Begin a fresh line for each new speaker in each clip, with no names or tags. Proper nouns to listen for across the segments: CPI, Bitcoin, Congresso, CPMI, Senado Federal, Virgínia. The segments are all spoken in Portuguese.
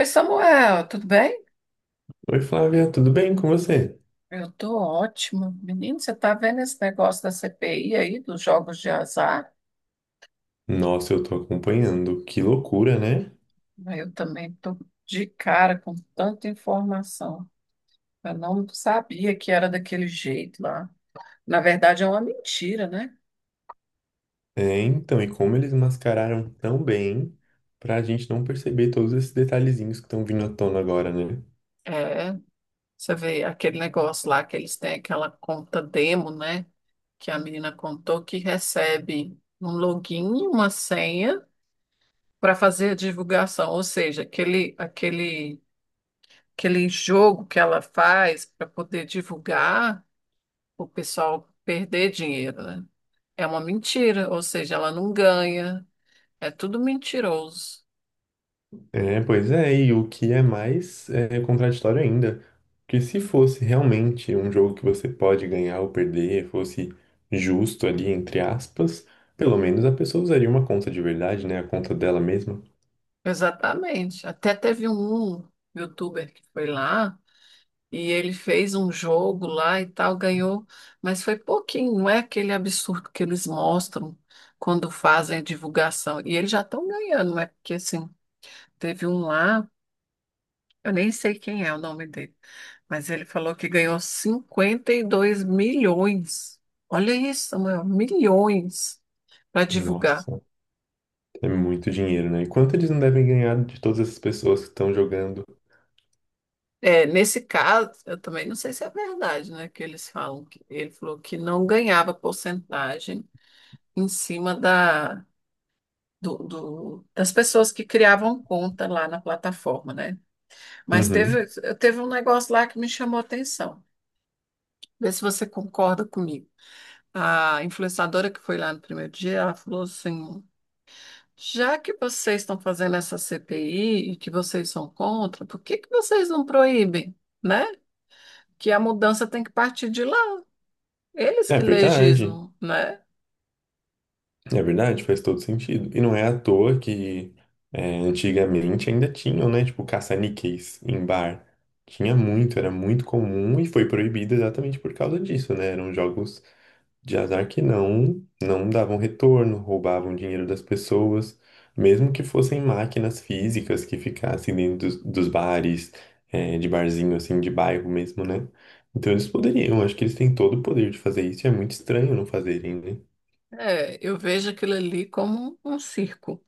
Oi, Samuel, tudo bem?
Oi, Flávia, tudo bem com você?
Eu tô ótima. Menino, você tá vendo esse negócio da CPI aí, dos jogos de azar?
Nossa, eu tô acompanhando. Que loucura, né?
Eu também tô de cara com tanta informação. Eu não sabia que era daquele jeito lá. Na verdade, é uma mentira, né?
Então, e como eles mascararam tão bem pra gente não perceber todos esses detalhezinhos que estão vindo à tona agora, né?
É, você vê aquele negócio lá que eles têm aquela conta demo, né? Que a menina contou que recebe um login e uma senha para fazer a divulgação, ou seja, aquele jogo que ela faz para poder divulgar, o pessoal perder dinheiro, né? É uma mentira, ou seja, ela não ganha. É tudo mentiroso.
É, pois é, e o que é mais contraditório ainda, que se fosse realmente um jogo que você pode ganhar ou perder, fosse justo ali, entre aspas, pelo menos a pessoa usaria uma conta de verdade, né? A conta dela mesma.
Exatamente. Até teve um youtuber que foi lá e ele fez um jogo lá e tal, ganhou, mas foi pouquinho, não é aquele absurdo que eles mostram quando fazem a divulgação. E eles já estão ganhando. Porque assim, teve um lá. Eu nem sei quem é o nome dele, mas ele falou que ganhou 52 milhões. Olha isso, Samuel, milhões para divulgar.
Nossa. É muito dinheiro, né? E quanto eles não devem ganhar de todas essas pessoas que estão jogando?
É, nesse caso, eu também não sei se é verdade, né, que eles falam que ele falou que não ganhava porcentagem em cima das pessoas que criavam conta lá na plataforma, né? Mas
Uhum.
teve um negócio lá que me chamou a atenção. Vê se você concorda comigo. A influenciadora que foi lá no primeiro dia, ela falou assim: já que vocês estão fazendo essa CPI e que vocês são contra, por que que vocês não proíbem, né? Que a mudança tem que partir de lá, eles
É
que
verdade,
legislam, né?
é verdade, faz todo sentido. E não é à toa que antigamente ainda tinham, né? Tipo, caça-níqueis em bar. Tinha muito, era muito comum e foi proibido exatamente por causa disso, né? Eram jogos de azar que não davam retorno, roubavam dinheiro das pessoas, mesmo que fossem máquinas físicas que ficassem dentro dos bares, de barzinho assim, de bairro mesmo, né? Então eles poderiam, acho que eles têm todo o poder de fazer isso, e é muito estranho não fazerem, né?
É, eu vejo aquilo ali como um circo,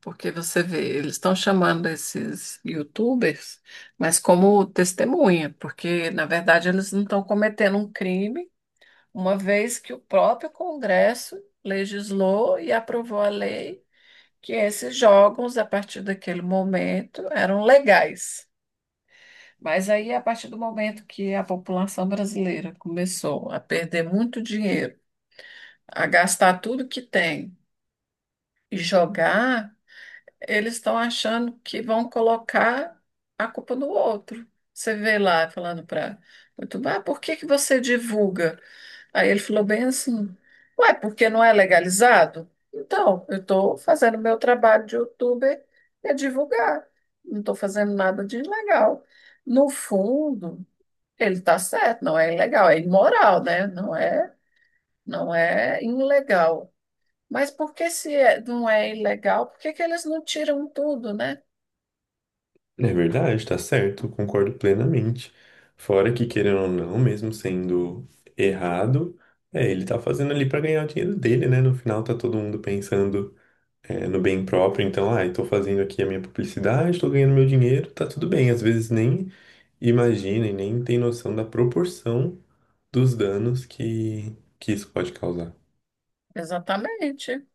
porque você vê, eles estão chamando esses YouTubers, mas como testemunha, porque na verdade eles não estão cometendo um crime, uma vez que o próprio Congresso legislou e aprovou a lei que esses jogos, a partir daquele momento, eram legais. Mas aí, a partir do momento que a população brasileira começou a perder muito dinheiro, a gastar tudo que tem e jogar, eles estão achando que vão colocar a culpa no outro. Você vê lá falando para YouTube: ah, por que que você divulga? Aí ele falou bem assim: ué, porque não é legalizado? Então, eu estou fazendo meu trabalho de youtuber, é divulgar. Não estou fazendo nada de ilegal. No fundo, ele está certo, não é ilegal, é imoral, né? Não é ilegal. Mas por que se é- não é ilegal, por que que eles não tiram tudo, né?
É verdade, tá certo, concordo plenamente. Fora que, querendo ou não, mesmo sendo errado, ele tá fazendo ali pra ganhar o dinheiro dele, né? No final tá todo mundo pensando. No bem próprio. Então, ah, estou fazendo aqui a minha publicidade, estou ganhando meu dinheiro, tá tudo bem. Às vezes nem imagina e nem tem noção da proporção dos danos que isso pode causar.
Exatamente.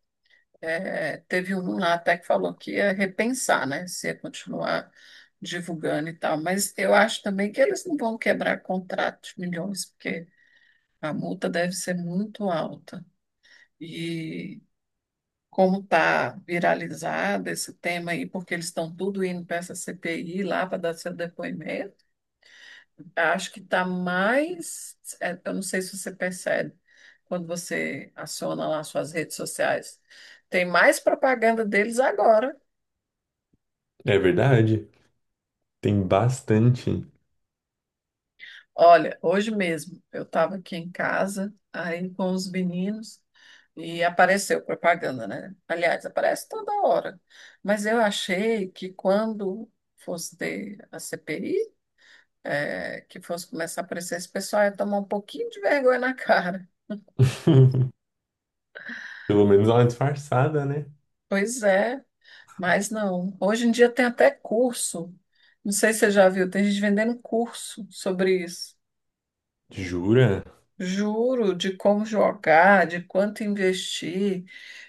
É, teve um lá até que falou que ia repensar, né? Se ia continuar divulgando e tal. Mas eu acho também que eles não vão quebrar contrato de milhões, porque a multa deve ser muito alta. E como está viralizado esse tema aí, porque eles estão tudo indo para essa CPI lá para dar seu depoimento. Acho que está mais. Eu não sei se você percebe quando você aciona lá suas redes sociais. Tem mais propaganda deles agora.
É verdade, tem bastante.
Olha, hoje mesmo eu estava aqui em casa, aí com os meninos, e apareceu propaganda, né? Aliás, aparece toda hora. Mas eu achei que quando fosse ter a CPI, que fosse começar a aparecer, esse pessoal ia tomar um pouquinho de vergonha na cara.
Pelo menos dá uma disfarçada, né?
Pois é. Mas não. Hoje em dia tem até curso. Não sei se você já viu, tem gente vendendo curso sobre isso.
Jura?
Juro, de como jogar, de quanto investir,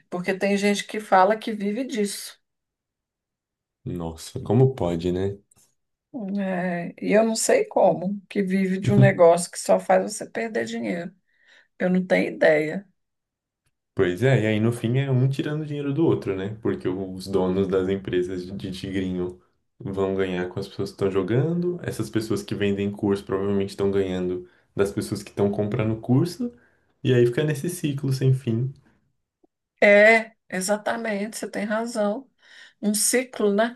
porque tem gente que fala que vive disso.
Nossa, como pode, né?
É, e eu não sei como, que vive de um negócio que só faz você perder dinheiro. Eu não tenho ideia.
Pois é, e aí no fim é um tirando dinheiro do outro, né? Porque os donos das empresas de tigrinho vão ganhar com as pessoas que estão jogando, essas pessoas que vendem curso provavelmente estão ganhando das pessoas que estão comprando curso, e aí fica nesse ciclo sem fim.
É, exatamente, você tem razão. Um ciclo, né?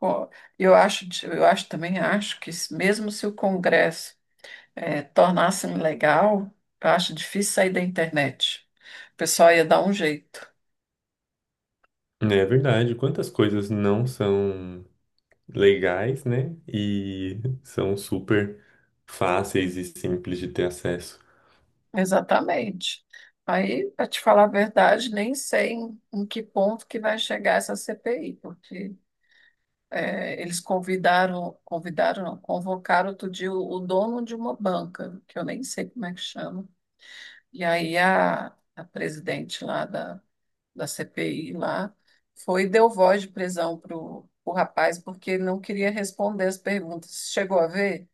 Ó, eu acho que mesmo se o Congresso tornasse legal, eu acho difícil sair da internet. O pessoal ia dar um jeito.
Né, é verdade, quantas coisas não são legais, né? E são super fáceis e simples de ter acesso.
Exatamente. Aí, para te falar a verdade, nem sei em que ponto que vai chegar essa CPI, porque eles convidaram, convidaram, não, convocaram outro dia o dono de uma banca, que eu nem sei como é que chama. E aí a presidente lá da CPI lá, foi e deu voz de prisão pro rapaz porque ele não queria responder as perguntas. Você chegou a ver?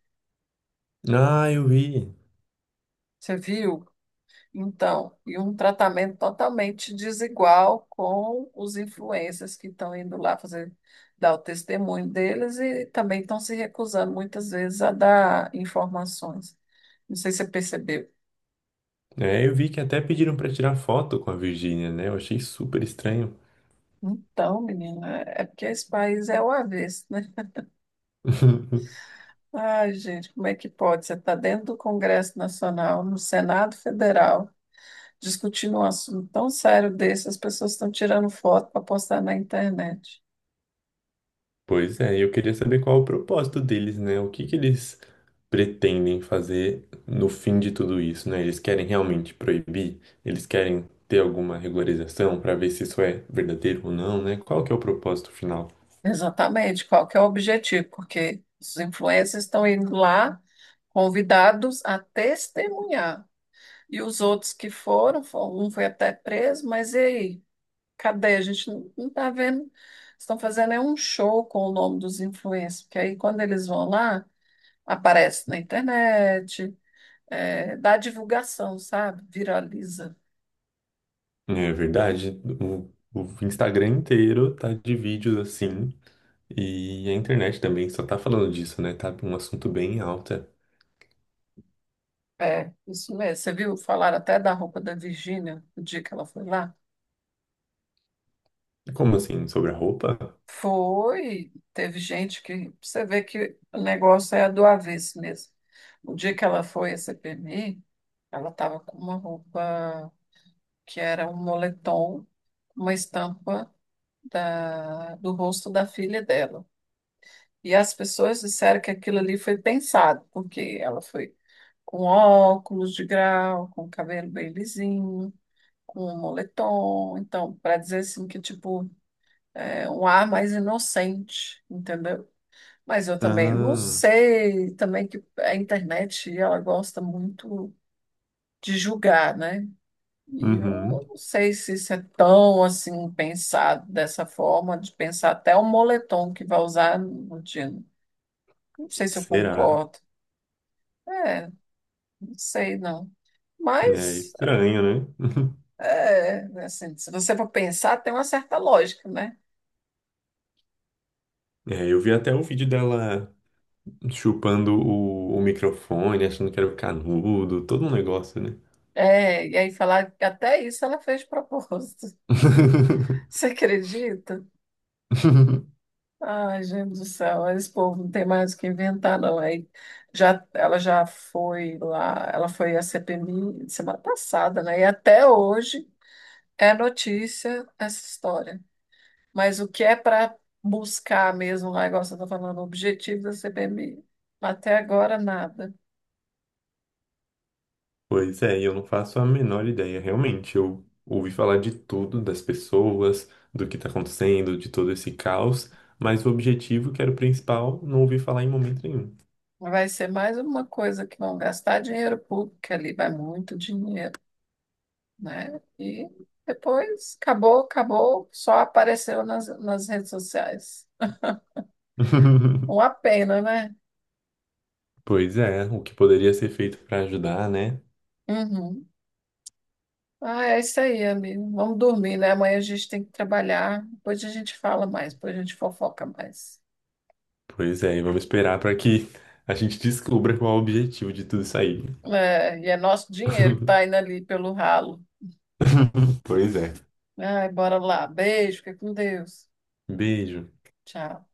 Ah, eu vi.
Você viu? Então, e um tratamento totalmente desigual com os influencers que estão indo lá fazer, dar o testemunho deles, e também estão se recusando muitas vezes a dar informações. Não sei se você percebeu.
É, eu vi que até pediram para tirar foto com a Virgínia, né? Eu achei super estranho.
Então, menina, é porque esse país é o avesso. Ai, gente, como é que pode? Você está dentro do Congresso Nacional, no Senado Federal, discutindo um assunto tão sério desse, as pessoas estão tirando foto para postar na internet.
Pois é, eu queria saber qual é o propósito deles, né? O que que eles pretendem fazer no fim de tudo isso, né? Eles querem realmente proibir? Eles querem ter alguma regularização para ver se isso é verdadeiro ou não, né? Qual que é o propósito final?
Exatamente, qual que é o objetivo? Porque os influencers estão indo lá convidados a testemunhar. E os outros que foram, um foi até preso, mas e aí? Cadê? A gente não está vendo. Estão fazendo é um show com o nome dos influencers, porque aí quando eles vão lá, aparece na internet, dá divulgação, sabe? Viraliza.
É verdade, o Instagram inteiro tá de vídeos assim, e a internet também só tá falando disso, né? Tá um assunto bem alta.
É, isso mesmo. Você viu falar até da roupa da Virgínia, o dia que ela foi lá?
Como assim? Sobre a roupa?
Foi, teve gente que... Você vê que o negócio é do avesso mesmo. O dia que ela foi à CPMI, ela estava com uma roupa que era um moletom, uma estampa do rosto da filha dela. E as pessoas disseram que aquilo ali foi pensado, porque ela foi com óculos de grau, com cabelo bem lisinho, com um moletom. Então, para dizer assim que, tipo, é um ar mais inocente, entendeu? Mas eu também não
Ah,
sei, também que a internet, ela gosta muito de julgar, né? E
uhum.
eu não sei se isso é tão, assim, pensado dessa forma, de pensar até o moletom que vai usar no dia. Não sei se eu
Será?
concordo. É, não sei, não.
É
Mas...
estranho, né?
é, assim, se você for pensar, tem uma certa lógica, né?
É, eu vi até o vídeo dela chupando o microfone, achando que era o canudo, todo um negócio, né?
É, e aí falar que até isso ela fez de propósito. Você acredita? Ai, gente do céu, esse povo não tem mais o que inventar, não. Ela já foi lá, ela foi à CPMI semana passada, né? E até hoje é notícia essa história. Mas o que é para buscar mesmo lá, igual você está falando, o objetivo da CPMI, até agora nada.
Pois é, e eu não faço a menor ideia, realmente. Eu ouvi falar de tudo, das pessoas, do que tá acontecendo, de todo esse caos, mas o objetivo, que era o principal, não ouvi falar em momento nenhum.
Vai ser mais uma coisa que vão gastar dinheiro público, que ali vai muito dinheiro, né? E depois acabou, acabou, só apareceu nas redes sociais. Uma pena, né?
Pois é, o que poderia ser feito pra ajudar, né?
Uhum. Ah, é isso aí, amigo. Vamos dormir, né? Amanhã a gente tem que trabalhar. Depois a gente fala mais, depois a gente fofoca mais.
Pois é, e vamos esperar para que a gente descubra qual é o objetivo de tudo isso aí.
É, e é nosso dinheiro que está indo ali pelo ralo.
Pois é.
Ai, bora lá. Beijo, fica com Deus.
Beijo.
Tchau.